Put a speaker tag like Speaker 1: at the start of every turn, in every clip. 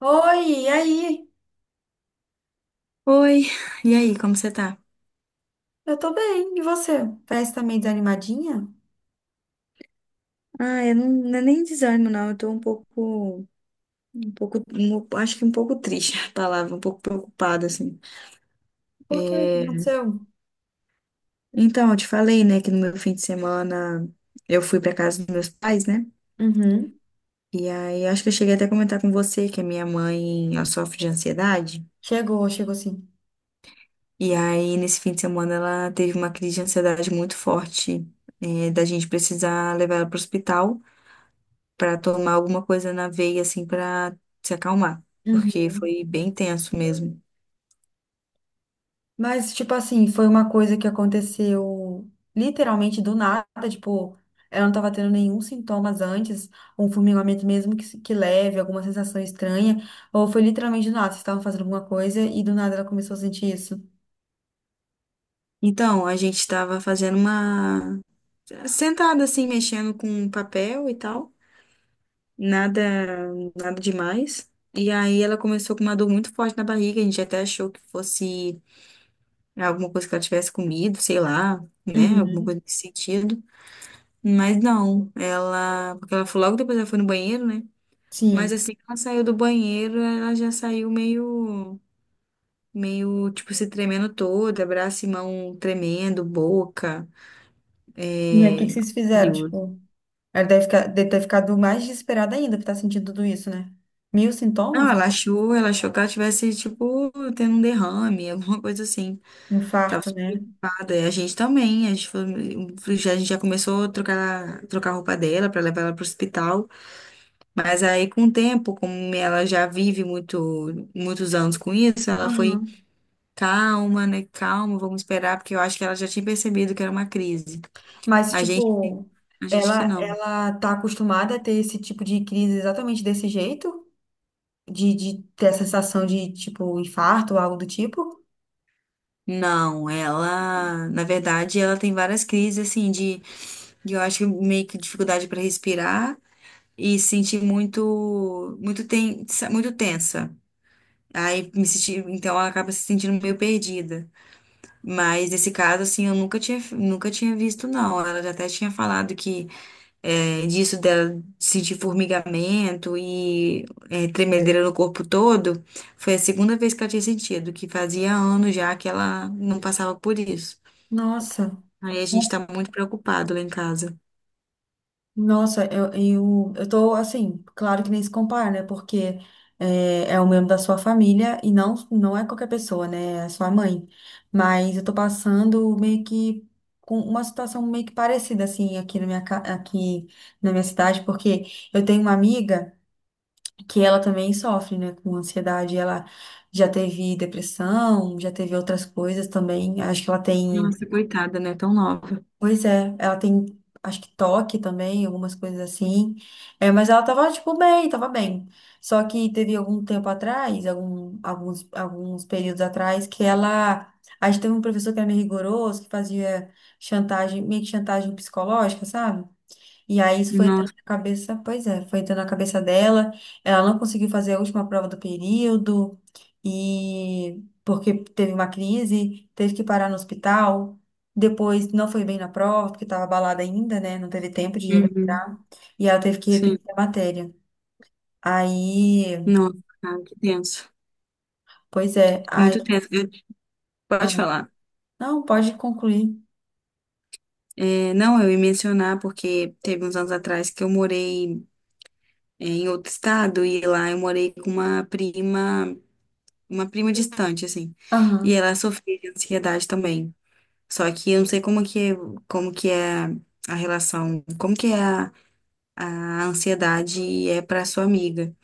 Speaker 1: Oi, e aí?
Speaker 2: Oi, e aí, como você tá?
Speaker 1: Eu tô bem, e você? Parece que tá meio desanimadinha?
Speaker 2: Ah, eu não, não é nem desânimo, não. Eu tô um pouco, acho que um pouco triste a palavra, um pouco preocupada, assim.
Speaker 1: Por quê? O que
Speaker 2: É,
Speaker 1: aconteceu?
Speaker 2: Então, eu te falei, né, que no meu fim de semana eu fui pra casa dos meus pais, né?
Speaker 1: Uhum.
Speaker 2: E aí, acho que eu cheguei até a comentar com você que a minha mãe, ela sofre de ansiedade.
Speaker 1: Chegou, chegou sim.
Speaker 2: E aí, nesse fim de semana, ela teve uma crise de ansiedade muito forte, da gente precisar levar ela pro hospital. Para tomar alguma coisa na veia, assim, para se acalmar, porque
Speaker 1: Uhum.
Speaker 2: foi bem tenso mesmo.
Speaker 1: Mas, tipo assim, foi uma coisa que aconteceu literalmente do nada, tipo, ela não tava tendo nenhum sintomas antes, um formigamento mesmo que leve, alguma sensação estranha, ou foi literalmente do nada, vocês estavam fazendo alguma coisa e do nada ela começou a sentir isso.
Speaker 2: Então, a gente estava fazendo uma sentada assim, mexendo com papel e tal, nada, nada demais. E aí ela começou com uma dor muito forte na barriga. A gente até achou que fosse alguma coisa que ela tivesse comido, sei lá, né, alguma
Speaker 1: Uhum.
Speaker 2: coisa nesse sentido. Mas não, ela, porque ela foi logo depois ela foi no banheiro, né? Mas
Speaker 1: Sim.
Speaker 2: assim que ela saiu do banheiro, ela já saiu meio tipo, se tremendo toda, braço e mão tremendo, boca,
Speaker 1: E aí, o que
Speaker 2: é...
Speaker 1: que vocês fizeram,
Speaker 2: olho.
Speaker 1: tipo? Ela deve ter ficado mais desesperada ainda por estar sentindo tudo isso, né? Mil
Speaker 2: Não,
Speaker 1: sintomas?
Speaker 2: ela achou que ela tivesse, tipo, tendo um derrame, alguma coisa assim. Tava
Speaker 1: Infarto,
Speaker 2: super
Speaker 1: né?
Speaker 2: preocupada. E a gente também, a gente já começou a trocar, a roupa dela pra levar ela pro hospital. Mas aí, com o tempo, como ela já vive muitos anos com isso, ela foi
Speaker 1: Uhum.
Speaker 2: calma, né? Calma, vamos esperar, porque eu acho que ela já tinha percebido que era uma crise.
Speaker 1: Mas,
Speaker 2: A gente,
Speaker 1: tipo,
Speaker 2: a gente que
Speaker 1: ela
Speaker 2: não.
Speaker 1: ela tá acostumada a ter esse tipo de crise exatamente desse jeito? De ter a sensação de, tipo, infarto ou algo do tipo?
Speaker 2: Não, ela, na verdade, ela tem várias crises assim de, eu acho que meio que dificuldade para respirar e se sentir muito tensa, muito tensa. Aí me senti, então ela acaba se sentindo meio perdida. Mas nesse caso assim, eu nunca tinha visto não. Ela já até tinha falado que disso dela sentir formigamento e tremedeira no corpo todo, foi a segunda vez que ela tinha sentido, que fazia anos já que ela não passava por isso.
Speaker 1: Nossa.
Speaker 2: Aí a gente tá muito preocupado lá em casa.
Speaker 1: Nossa, eu tô assim, claro que nem se compara, né? Porque é um membro da sua família e não é qualquer pessoa, né? É a sua mãe. Mas eu tô passando meio que com uma situação meio que parecida, assim, aqui na minha cidade, porque eu tenho uma amiga que ela também sofre, né, com ansiedade. Ela já teve depressão, já teve outras coisas também. Acho que ela tem.
Speaker 2: Nossa, coitada, né? Tão nova.
Speaker 1: Pois é, ela tem, acho que toque também, algumas coisas assim. É, mas ela tava, tipo, bem, tava bem. Só que teve algum tempo atrás, alguns períodos atrás, que ela. A gente teve um professor que era meio rigoroso, que fazia chantagem, meio que chantagem psicológica, sabe? E aí isso foi entrando
Speaker 2: Nossa.
Speaker 1: na cabeça, pois é, foi entrando na cabeça dela. Ela não conseguiu fazer a última prova do período e porque teve uma crise, teve que parar no hospital. Depois não foi bem na prova, porque estava abalada ainda, né? Não teve tempo de
Speaker 2: Uhum.
Speaker 1: recuperar. E ela teve que
Speaker 2: Sim.
Speaker 1: repetir a matéria. Aí,
Speaker 2: Nossa, cara, que tenso.
Speaker 1: pois é, aí,
Speaker 2: Muito tenso.
Speaker 1: ah,
Speaker 2: Pode falar.
Speaker 1: não, pode concluir.
Speaker 2: É, não, eu ia mencionar porque teve uns anos atrás que eu morei em outro estado e lá eu morei com uma prima distante, assim. E
Speaker 1: Aham,
Speaker 2: ela sofria de ansiedade também. Só que eu não sei como que é a relação, como que é a ansiedade é para sua amiga.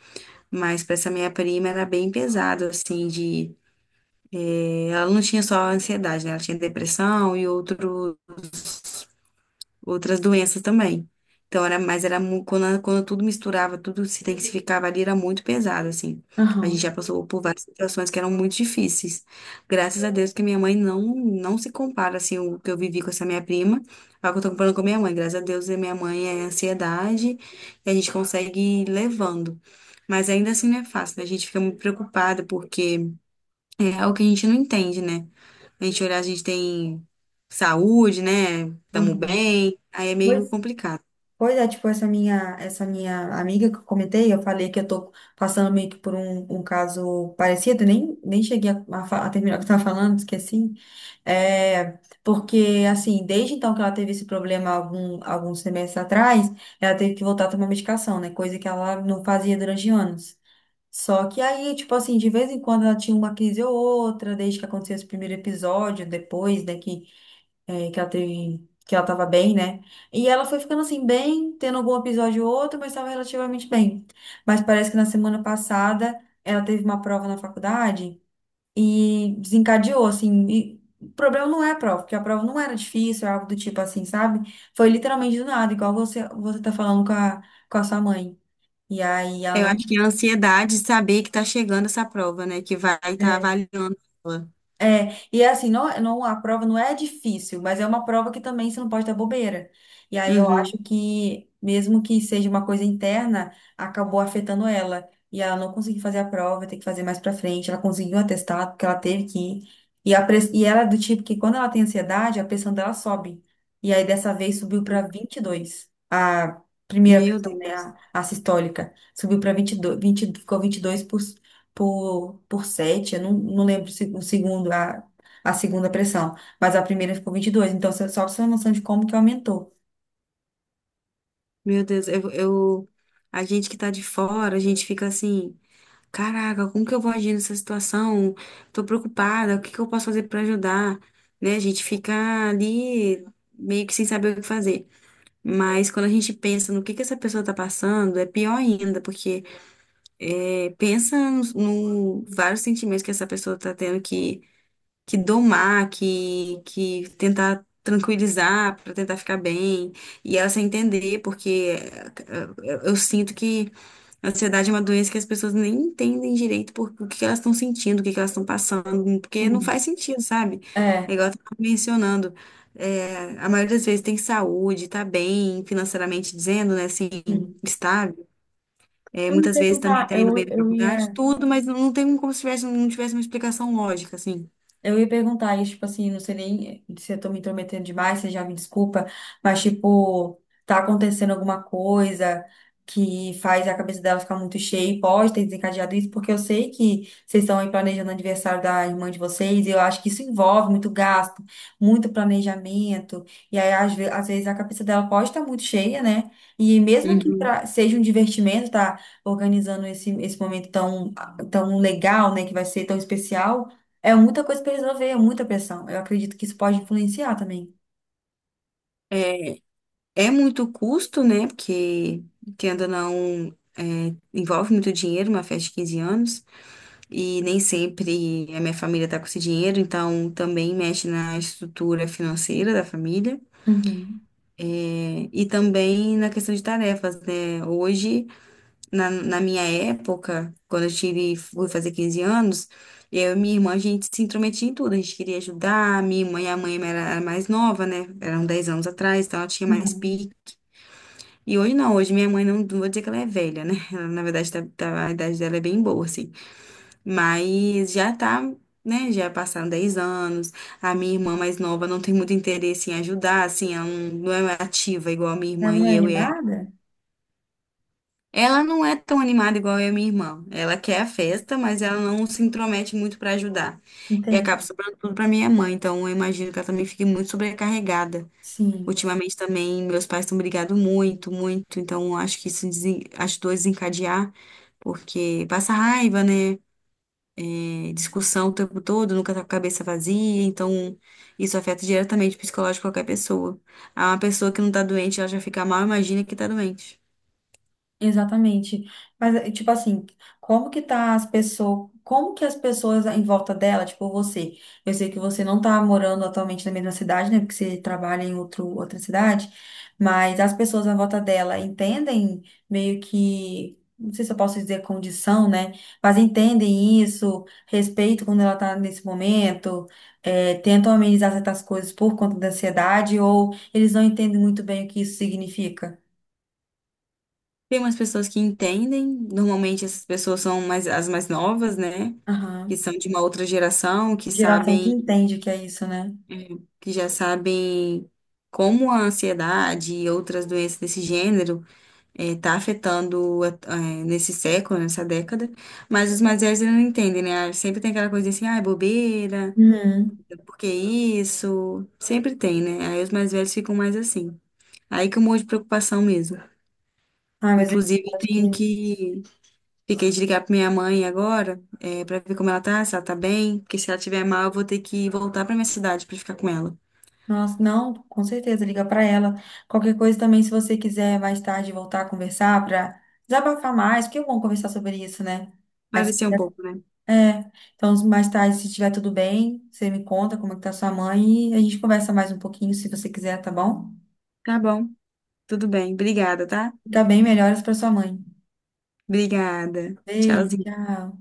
Speaker 2: Mas para essa minha prima era bem pesado, assim, de... Ela não tinha só ansiedade, né? Ela tinha depressão e outros outras doenças também. Então, era, mas era mu- quando, tudo misturava, tudo se intensificava ali, era muito pesado, assim. A gente
Speaker 1: aham,
Speaker 2: já passou por várias situações que eram muito difíceis. Graças a Deus que minha mãe não, não se compara, assim, o que eu vivi com essa minha prima, ao que eu tô comparando com a minha mãe. Graças a Deus, a minha mãe é ansiedade e a gente consegue ir levando. Mas ainda assim não é fácil, né? A gente fica muito preocupada porque é algo que a gente não entende, né? A gente olhar, a gente tem saúde, né? Tamo
Speaker 1: aham.
Speaker 2: bem. Aí é meio
Speaker 1: Pois
Speaker 2: complicado.
Speaker 1: Pois é, tipo, essa minha amiga que eu comentei, eu falei que eu tô passando meio que por um caso parecido, nem cheguei a terminar o que eu tava falando, esqueci. É, porque, assim, desde então que ela teve esse problema alguns semestres atrás, ela teve que voltar a tomar medicação, né? Coisa que ela não fazia durante anos. Só que aí, tipo assim, de vez em quando ela tinha uma crise ou outra, desde que aconteceu esse primeiro episódio, depois, né, que que ela teve, que ela tava bem, né? E ela foi ficando assim, bem, tendo algum episódio ou outro, mas estava relativamente bem. Mas parece que na semana passada ela teve uma prova na faculdade e desencadeou, assim. E o problema não é a prova, porque a prova não era difícil, era algo do tipo assim, sabe? Foi literalmente do nada, igual você, você tá falando com a sua mãe. E aí ela
Speaker 2: Eu
Speaker 1: não.
Speaker 2: acho que é a ansiedade de saber que tá chegando essa prova, né? Que vai estar tá
Speaker 1: é,
Speaker 2: avaliando ela.
Speaker 1: E é assim, não, não, a prova não é difícil, mas é uma prova que também você não pode dar bobeira. E aí eu
Speaker 2: Uhum.
Speaker 1: acho que, mesmo que seja uma coisa interna, acabou afetando ela. E ela não conseguiu fazer a prova, tem que fazer mais pra frente. Ela conseguiu um atestado, porque ela teve que ir. E, a, e ela é do tipo que, quando ela tem ansiedade, a pressão dela sobe. E aí, dessa vez, subiu pra vinte e dois. A primeira
Speaker 2: Meu
Speaker 1: pressão, né,
Speaker 2: Deus.
Speaker 1: a sistólica, subiu para 22 20 ficou 22%, por 7 eu não lembro se- o segundo, a segunda pressão, mas a primeira ficou 22 então você- só pra você ter uma noção de como que aumentou.
Speaker 2: Meu Deus. A gente que tá de fora, a gente fica assim, caraca, como que eu vou agir nessa situação? Tô preocupada, o que que eu posso fazer pra ajudar? Né? A gente fica ali meio que sem saber o que fazer. Mas quando a gente pensa no que essa pessoa tá passando, é pior ainda, porque pensa nos no vários sentimentos que essa pessoa tá tendo que, domar, que, tentar tranquilizar para tentar ficar bem. E ela sem entender, porque eu sinto que a ansiedade é uma doença que as pessoas nem entendem direito o que que elas estão sentindo, o que que elas estão passando, porque não
Speaker 1: Sim.
Speaker 2: faz sentido, sabe? É
Speaker 1: É,
Speaker 2: igual eu tava mencionando. A maioria das vezes tem saúde, tá bem financeiramente dizendo, né, assim,
Speaker 1: hum.
Speaker 2: estável. É,
Speaker 1: Eu ia
Speaker 2: muitas vezes também
Speaker 1: perguntar,
Speaker 2: tá indo bem
Speaker 1: eu,
Speaker 2: na
Speaker 1: eu
Speaker 2: faculdade,
Speaker 1: ia.
Speaker 2: tudo, mas não tem como se tivesse, não tivesse uma explicação lógica, assim.
Speaker 1: Eu ia perguntar isso, tipo assim, não sei nem se eu tô me intrometendo demais, você já me desculpa, mas tipo, tá acontecendo alguma coisa que faz a cabeça dela ficar muito cheia e pode ter desencadeado isso, porque eu sei que vocês estão aí planejando o aniversário da irmã de vocês, e eu acho que isso envolve muito gasto, muito planejamento, e aí às vezes a cabeça dela pode estar muito cheia, né? E mesmo que
Speaker 2: Uhum.
Speaker 1: seja um divertimento, tá organizando esse momento tão, tão legal, né, que vai ser tão especial. É muita coisa pra resolver, é muita pressão. Eu acredito que isso pode influenciar também.
Speaker 2: É muito custo, né? Porque, querendo ou não, envolve muito dinheiro, uma festa de 15 anos, e nem sempre a minha família tá com esse dinheiro, então também mexe na estrutura financeira da família,
Speaker 1: Uhum,
Speaker 2: e também na questão de tarefas, né? Hoje. Na minha época, quando eu tive, fui fazer 15 anos, eu e minha irmã, a gente se intrometia em tudo, a gente queria ajudar, minha irmã e a mãe era mais nova, né? Eram 10 anos atrás, então ela tinha mais
Speaker 1: uhum.
Speaker 2: pique. E hoje não, hoje minha mãe não, não vou dizer que ela é velha, né? Ela, na verdade, a idade dela é bem boa, assim. Mas já tá, né? Já passaram 10 anos. A minha irmã mais nova não tem muito interesse em ajudar, assim, ela não, não é ativa igual a minha
Speaker 1: Ela
Speaker 2: irmã
Speaker 1: não
Speaker 2: e
Speaker 1: é
Speaker 2: eu.
Speaker 1: animada?
Speaker 2: Ela não é tão animada igual eu e minha irmã. Ela quer a festa, mas ela não se intromete muito pra ajudar. E acaba
Speaker 1: Entendi.
Speaker 2: sobrando tudo pra minha mãe. Então eu imagino que ela também fique muito sobrecarregada.
Speaker 1: Sim.
Speaker 2: Ultimamente também meus pais estão brigando muito, muito. Então eu acho que isso ajudou a desencadear, porque passa raiva, né? Discussão o tempo todo, nunca tá com a cabeça vazia. Então isso afeta diretamente o psicológico de qualquer pessoa. Ah, uma pessoa que não tá doente, ela já fica mal, imagina que tá doente.
Speaker 1: Exatamente. Mas, tipo assim, como que tá as pessoas, como que as pessoas em volta dela, tipo você, eu sei que você não tá morando atualmente na mesma cidade, né, porque você trabalha em outra cidade, mas as pessoas à volta dela entendem meio que, não sei se eu posso dizer condição, né, mas entendem isso, respeito quando ela tá nesse momento, tentam amenizar certas coisas por conta da ansiedade, ou eles não entendem muito bem o que isso significa.
Speaker 2: Tem umas pessoas que entendem, normalmente essas pessoas são mais, as mais novas, né? Que
Speaker 1: Aham.
Speaker 2: são de uma outra geração, que
Speaker 1: Geração que
Speaker 2: sabem,
Speaker 1: entende o que é isso, né?
Speaker 2: que já sabem como a ansiedade e outras doenças desse gênero está afetando nesse século, nessa década. Mas os mais velhos eles não entendem, né? Ah, sempre tem aquela coisa assim, ah, é bobeira,
Speaker 1: Uhum.
Speaker 2: por que isso? Sempre tem, né? Aí os mais velhos ficam mais assim. Aí que eu morro de preocupação mesmo.
Speaker 1: Ai, mas eu
Speaker 2: Inclusive, eu
Speaker 1: acho que.
Speaker 2: tenho que fiquei de ligar pra minha mãe agora, pra ver como ela tá, se ela tá bem, porque se ela tiver mal, eu vou ter que voltar pra minha cidade pra ficar com ela.
Speaker 1: Nossa, não, com certeza, liga pra ela. Qualquer coisa também, se você quiser mais tarde voltar a conversar pra desabafar mais, porque é bom conversar sobre isso, né? Aí você-
Speaker 2: Parecer um pouco, né?
Speaker 1: É, então mais tarde, se estiver tudo bem, você me conta como é que tá sua mãe e a gente conversa mais um pouquinho, se você quiser, tá bom?
Speaker 2: Tá bom, tudo bem. Obrigada, tá?
Speaker 1: Fica bem, melhoras pra sua mãe.
Speaker 2: Obrigada.
Speaker 1: Beijo,
Speaker 2: Tchauzinho.
Speaker 1: tchau.